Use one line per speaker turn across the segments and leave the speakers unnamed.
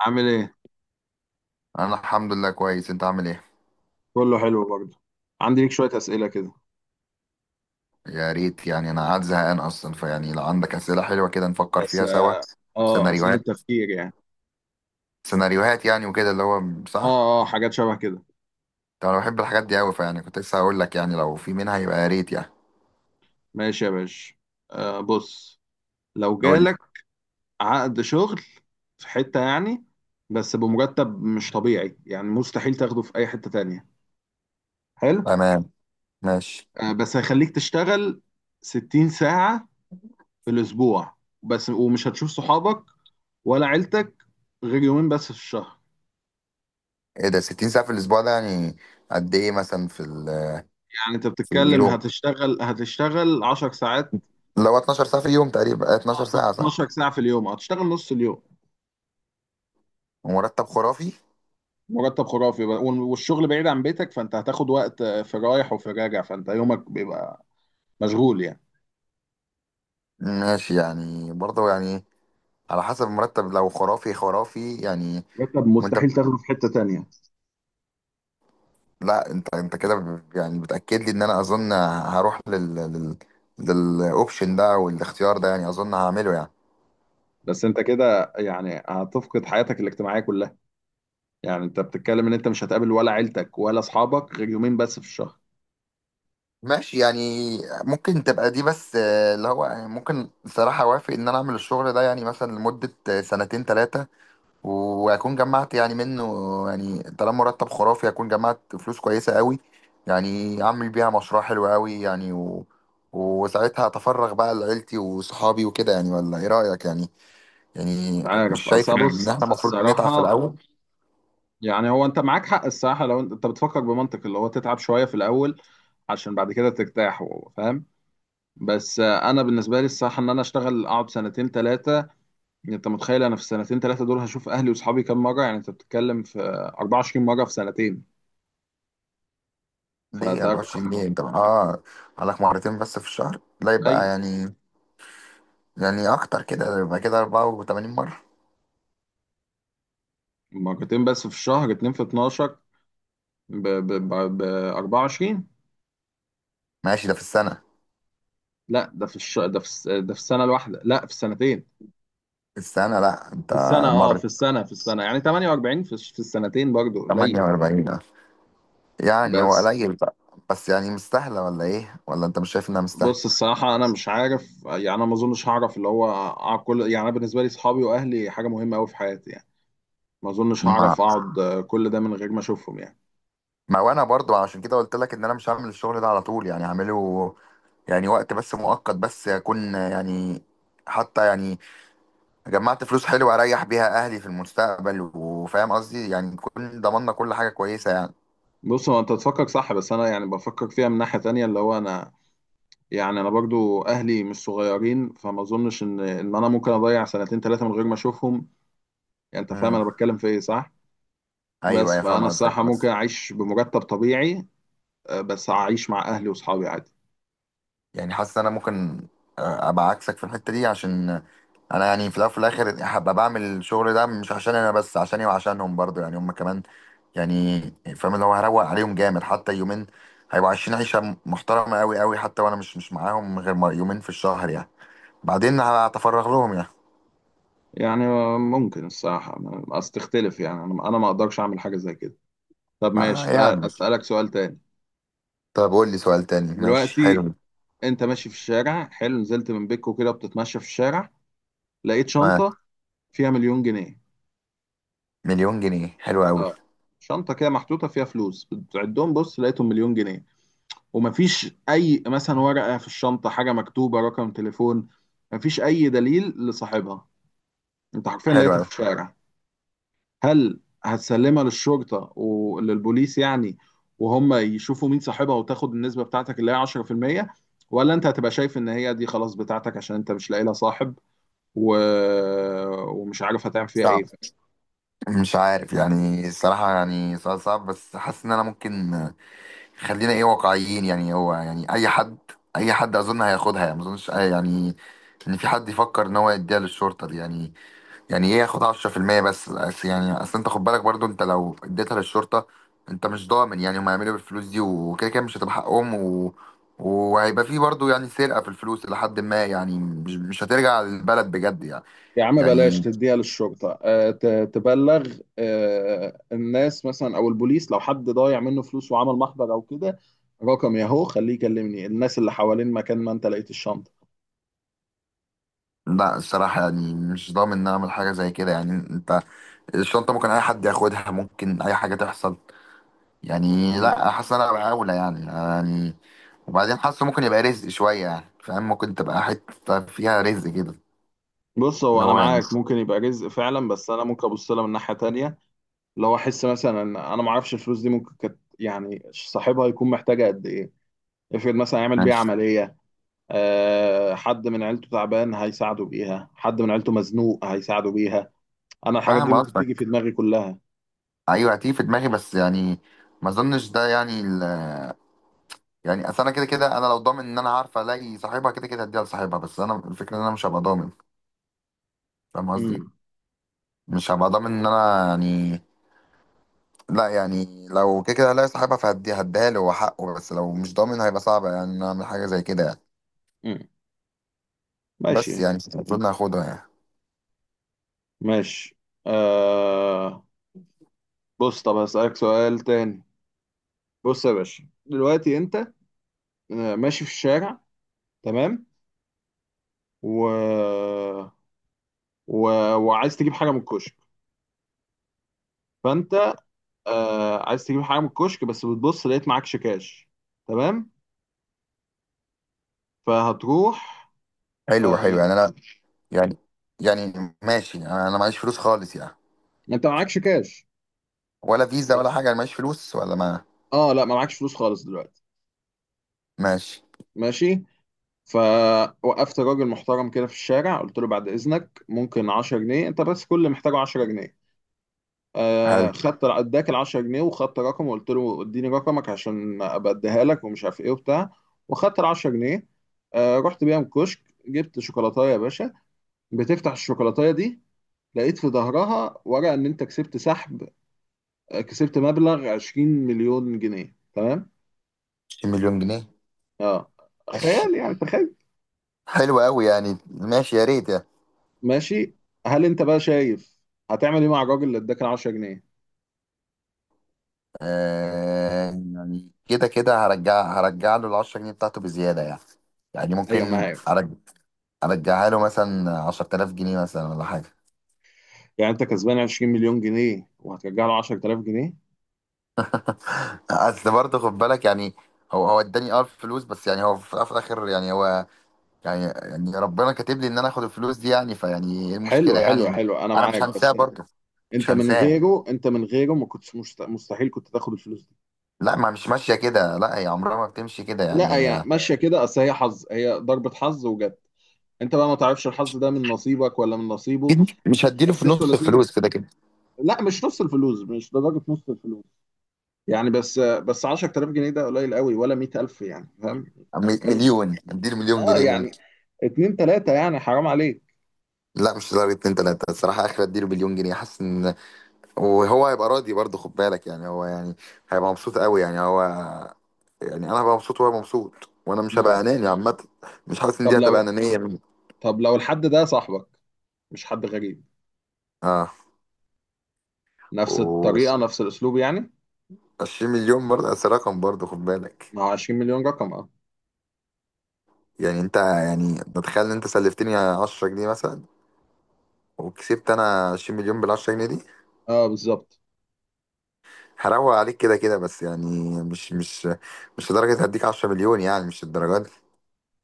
عامل ايه؟
انا الحمد لله كويس. انت عامل ايه؟
كله حلو برضه. عندي ليك شوية أسئلة كده.
يا ريت، يعني انا قاعد زهقان اصلا، فيعني لو عندك اسئله حلوه كده نفكر
بس
فيها سوا.
اه، أسئلة
سيناريوهات،
تفكير يعني.
سيناريوهات يعني وكده اللي هو،
اه
صح.
اه حاجات شبه كده.
طب انا بحب الحاجات دي قوي، فيعني كنت لسه هقول لك يعني لو في منها يبقى يا ريت يعني.
ماشي يا باشا. آه بص، لو
قول لي.
جالك عقد شغل في حتة يعني، بس بمرتب مش طبيعي، يعني مستحيل تاخده في أي حتة تانية. حلو.
تمام. ماشي.
آه بس هيخليك تشتغل 60 ساعة في الأسبوع، بس ومش هتشوف صحابك ولا عيلتك غير يومين بس في الشهر.
ايه ده؟ 60 ساعه في الاسبوع ده يعني قد ايه مثلا في ال،
يعني انت
في
بتتكلم
اليوم؟
هتشتغل 10 ساعات،
لو 12 ساعه في اليوم تقريبا، 12 ساعه صح؟
12 ساعة في اليوم، هتشتغل نص اليوم.
ومرتب خرافي.
مرتب خرافي بقى. والشغل بعيد عن بيتك، فانت هتاخد وقت، في رايح وفي راجع، فانت يومك بيبقى مشغول يعني.
ماشي يعني، برضه يعني على حسب المرتب، لو خرافي خرافي يعني.
مرتب
وانت،
مستحيل تاخده في حتة تانية.
لا انت، انت كده يعني بتاكد لي ان انا اظن هروح لل للاوبشن ده والاختيار ده، يعني اظن هعمله يعني.
بس انت كده يعني هتفقد حياتك الاجتماعية كلها. يعني انت بتتكلم ان انت مش هتقابل ولا عيلتك ولا اصحابك غير يومين بس في الشهر.
ماشي يعني، ممكن تبقى دي، بس اللي هو يعني ممكن صراحة اوافق ان انا اعمل الشغل ده يعني مثلا لمدة سنتين ثلاثة، واكون جمعت يعني منه. يعني طالما مرتب خرافي، اكون جمعت فلوس كويسة قوي، يعني اعمل بيها مشروع حلو قوي يعني، وساعتها اتفرغ بقى لعيلتي وصحابي وكده يعني. ولا ايه رأيك يعني؟
مش
يعني مش
عارف،
شايف
اصل
ان إن
بص
احنا المفروض نتعب في
الصراحة،
الاول؟
يعني هو انت معاك حق الصراحة. لو انت بتفكر بمنطق اللي هو تتعب شوية في الاول عشان بعد كده ترتاح، فاهم؟ بس انا بالنسبه لي الصراحه ان انا اشتغل اقعد سنتين ثلاثه. انت متخيل انا في السنتين ثلاثه دول هشوف اهلي واصحابي كام مره؟ يعني انت بتتكلم في 24 مره في سنتين.
ليه
فده رقم
24 جنيه؟ انت اه عليك مرتين بس في الشهر؟ لا، يبقى
قليل.
يعني، يعني اكتر كده، يبقى كده 84 مره.
مرتين بس في الشهر، اتنين في 12، ب ب ب ب 24.
ماشي، ده في السنه؟
لا ده في ده في ده في السنه الواحده، لا في السنتين.
في السنه، لا انت،
في السنه، اه في
مره،
السنه، يعني 48. في السنتين برضه قليل.
48 ده، يعني هو
بس
قليل بقى؟ بس يعني مستاهله ولا ايه؟ ولا انت مش شايف انها مستاهله؟
بص الصراحة، أنا مش عارف يعني. أنا ما أظنش هعرف اللي هو أقعد كل، يعني أنا بالنسبة لي صحابي وأهلي حاجة مهمة أوي في حياتي يعني. ما اظنش
ما
هعرف اقعد كل ده من غير ما اشوفهم يعني.
ما وانا برضو عشان كده قلت لك ان انا مش هعمل الشغل ده على طول، يعني هعمله يعني وقت بس، مؤقت بس يكون يعني، حتى يعني جمعت فلوس حلوة اريح بيها اهلي في المستقبل. وفاهم قصدي يعني، كل، ضمننا كل حاجة كويسة يعني.
بص هو انت تفكر صح، بس انا يعني بفكر فيها من ناحية تانية اللي هو انا. يعني انا برضو اهلي مش صغيرين، فما اظنش ان انا ممكن اضيع سنتين ثلاثة من غير ما اشوفهم. يعني انت فاهم
امم
انا بتكلم في ايه؟ صح.
ايوه،
بس
يا فاهم
فانا
قصدك،
الصراحة ممكن
بس
اعيش بمرتب طبيعي، بس اعيش مع اهلي واصحابي عادي.
يعني حاسس ان انا ممكن، ابقى عكسك في الحتة دي، عشان انا يعني في الاول وفي الاخر هبقى بعمل الشغل ده مش عشان انا بس، عشاني وعشانهم برضو يعني، هم كمان يعني. فاهم اللي هو هروق عليهم جامد، حتى يومين هيبقوا عايشين عيشه محترمه قوي قوي، حتى وانا مش معاهم غير يومين في الشهر يعني. بعدين هتفرغ لهم يعني.
يعني ممكن الصراحة، بس تختلف. يعني انا ما اقدرش اعمل حاجة زي كده. طب
ما
ماشي،
يعني،
أسألك سؤال تاني.
طب قول لي سؤال تاني، ماشي،
دلوقتي
حلو.
انت ماشي في الشارع حلو نزلت من بيتكو كده بتتمشى في الشارع لقيت
آه.
شنطة فيها مليون جنيه
مليون جنيه حلو أوي.
اه شنطة كده محطوطة فيها فلوس بتعدهم بص لقيتهم مليون جنيه ومفيش أي مثلا ورقة في الشنطة حاجة مكتوبة رقم تليفون مفيش أي دليل لصاحبها أنت حرفيا
حلو
لقيتها
أوي.
في الشارع هل هتسلمها للشرطة وللبوليس يعني وهم يشوفوا مين صاحبها وتاخد النسبة بتاعتك اللي هي 10% ولا أنت هتبقى شايف إن هي دي خلاص بتاعتك عشان أنت مش لاقي لها صاحب و... ومش عارف هتعمل فيها ايه
صعب، مش عارف يعني الصراحة، يعني سؤال صعب. بس حاسس إن أنا ممكن خلينا إيه، واقعيين يعني. هو يعني أي حد، أي حد أظن هياخدها يعني. ما أظنش يعني إن في حد يفكر إن هو يديها للشرطة دي يعني، يعني إيه ياخد 10%. بس يعني أصل أنت خد بالك برضو، أنت لو اديتها للشرطة أنت مش ضامن يعني هم هيعملوا إيه بالفلوس دي. وكده كده مش هتبقى حقهم، وهيبقى في برضو يعني سرقة في الفلوس لحد ما، يعني مش هترجع للبلد بجد يعني.
يا عم بلاش
يعني
تديها للشرطة آه، ت- تبلغ آه، الناس مثلا او البوليس لو حد ضايع منه فلوس وعمل محضر او كده رقم ياهو خليه يكلمني الناس اللي حوالين مكان ما انت لقيت الشنطة
لا، الصراحة يعني مش ضامن إن أنا أعمل حاجة زي كده يعني. أنت الشنطة ممكن أي حد ياخدها، ممكن أي حاجة تحصل يعني.
مم.
لا، حاسس إن أنا أبقى أولى يعني يعني. وبعدين حاسه ممكن يبقى رزق شوية يعني، فاهم، ممكن تبقى حتة فيها رزق كده.
بص هو
اللي
انا
هو يعني،
معاك ممكن يبقى رزق فعلا بس انا ممكن ابص لها من ناحية تانية لو احس مثلا ان انا ما اعرفش الفلوس دي ممكن كانت يعني صاحبها يكون محتاجة قد ايه افرض مثلا يعمل بيها
ماشي.
عملية آه، حد من عيلته تعبان هيساعده بيها حد من عيلته مزنوق هيساعده بيها انا الحاجات دي
فاهم
ممكن تيجي في
قصدك.
دماغي كلها
أيوة هتيجي في دماغي بس يعني ما أظنش ده يعني يعني أصل أنا كده كده أنا لو ضامن إن أنا عارف ألاقي صاحبها كده كده هديها لصاحبها. بس أنا الفكرة إن أنا مش هبقى ضامن. فاهم قصدي؟
امم
مش هبقى ضامن إن أنا يعني، لا يعني لو كده كده هلاقي صاحبها فهدي هديها له، هو حقه. بس لو مش ضامن هيبقى صعب يعني إن أنا اعمل حاجه زي كده يعني.
امم
بس
ماشي
يعني المفروض إني هاخدها يعني.
ماشي آه بص طب هسألك سؤال تاني بص يا باشا دلوقتي انت آه، ماشي في الشارع، تمام، و... و... وعايز تجيب حاجة من الكشك، فانت آه عايز تجيب حاجة من الكشك، بس بتبص لقيت معكش كاش، تمام، فهتروح.
حلو، حلو
آه.
يعني انا، يعني، يعني ماشي انا معيش فلوس خالص يعني،
انت معكش كاش؟
ولا فيزا ولا حاجه، انا معيش فلوس ولا ما،
اه لا، ما معكش فلوس خالص دلوقتي.
ماشي،
ماشي. فوقفت راجل محترم كده في الشارع، قلت له بعد اذنك ممكن 10 جنيه، انت بس كل اللي محتاجه 10 جنيه.
حلو.
آه خدت، اداك ال 10 جنيه، وخدت رقم، وقلت له اديني رقمك عشان ابقى اديها لك ومش عارف ايه وبتاع. وخدت ال 10 جنيه. آه رحت بيهم كشك، جبت شوكولاتايه يا باشا. بتفتح الشوكولاتايه دي، لقيت في ظهرها ورقه ان انت كسبت سحب، كسبت مبلغ 20 مليون جنيه، تمام؟
20 مليون جنيه.
اه.
ماشي،
خيال يعني، تخيل.
حلو قوي يعني، ماشي يا ريت يعني.
ماشي. هل انت بقى شايف هتعمل ايه مع الراجل اللي اداك ال 10 جنيه؟
آه يعني كده كده هرجع، له ال 10 جنيه بتاعته بزياده يعني. يعني
ايوه
ممكن
معاك.
ارجعها له مثلا 10000 جنيه مثلا، ولا حاجه.
يعني انت كسبان 20 مليون جنيه وهترجع له 10,000 جنيه؟
اصل برضه خد بالك يعني، هو اداني اه الفلوس، بس يعني هو في الأول وفي الاخر يعني هو يعني، يعني ربنا كاتب لي ان انا اخد الفلوس دي يعني، فيعني ايه المشكله
حلوه
يعني
حلوه
انا.
حلوه، انا
انا
معاك
مش هنساه
بس.
برضه. مش
انت من
هنساه.
غيره، ما كنتش مستحيل كنت تاخد الفلوس دي.
لا ما، مش ماشيه كده، لا هي عمرها ما بتمشي كده يعني
لا هي
هي.
ماشيه كده، اصل هي حظ، هي ضربه حظ وجت. انت بقى ما تعرفش الحظ ده من نصيبك ولا من نصيبه؟
أكيد مش هديله في
بس انتوا
نص
الاثنين.
الفلوس كده كده.
لا مش نص الفلوس، مش لدرجه نص الفلوس. يعني بس 10,000 جنيه ده قليل قوي، ولا 100,000 يعني، فاهم؟
مليون، اديله مليون
اه
جنيه
يعني
ممكن.
اتنين تلاتة يعني، حرام عليك.
لا مش لدرجه اتنين تلاته الصراحه، اخر اديله مليون جنيه. حاسس ان، وهو هيبقى راضي برضه خد بالك يعني، هو يعني هيبقى مبسوط قوي يعني هو، يعني انا هبقى مبسوط وهو مبسوط، وانا مش هبقى
مم.
اناني عامه. مش حاسس ان
طب
دي هتبقى
لو،
انانيه مني.
الحد ده صاحبك، مش حد غريب،
اه
نفس
و
الطريقة نفس الأسلوب يعني.
20 مليون برضه بس، رقم برضه خد بالك.
ما هو 20 مليون رقم اه.
يعني انت يعني تتخيل ان انت سلفتني 10 جنيه مثلا، وكسبت انا 20 مليون بال 10 جنيه دي،
اه بالظبط.
هروق عليك كده كده بس يعني. مش مش لدرجه هديك 10 مليون يعني، مش الدرجات دي.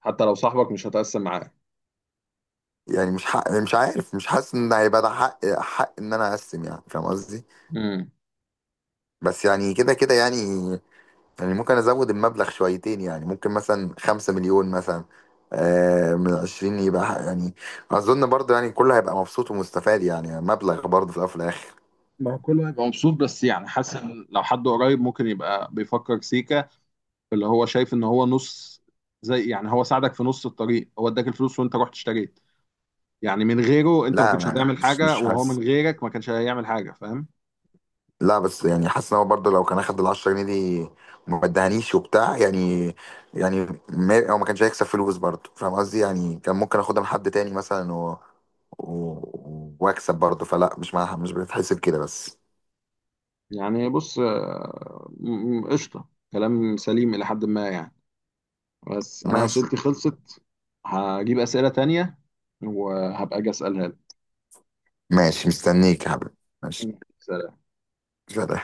حتى لو صاحبك مش هتقسم معاه.
يعني مش حق، مش عارف، مش حاسس ان هيبقى ده حق، حق ان انا اقسم، يعني فاهم قصدي؟
مم.
بس يعني كده كده يعني، يعني ممكن ازود المبلغ شويتين، يعني ممكن مثلا خمسة مليون مثلا من عشرين، يبقى يعني اظن برضه يعني كله هيبقى مبسوط ومستفاد يعني، مبلغ برضه في الاول وفي الاخر.
ما هو كله هيبقى مبسوط، بس يعني حاسس إن لو حد قريب ممكن يبقى بيفكر سيكا، اللي هو شايف ان هو نص، زي يعني هو ساعدك في نص الطريق، هو اداك الفلوس وانت رحت اشتريت، يعني من غيره انت ما
لا
كنتش هتعمل
مش
حاجة، وهو من
حاسس،
غيرك ما كانش هيعمل حاجة، فاهم؟
لا بس يعني حاسس ان هو برضه لو كان اخد ال 10 جنيه دي وما ادهانيش وبتاع يعني، يعني ما هو ما كانش هيكسب فلوس برضه فاهم قصدي. يعني كان ممكن اخدها من حد تاني مثلا، و... واكسب برضه. فلا مش مش بتحسب كده بس.
يعني بص قشطة، كلام سليم إلى حد ما يعني. بس أنا
ماشي.
أسئلتي خلصت. هجيب أسئلة تانية وهبقى أجي أسألها
ماشي مستنيك يا حبيبي. ماشي.
لك.
سلام.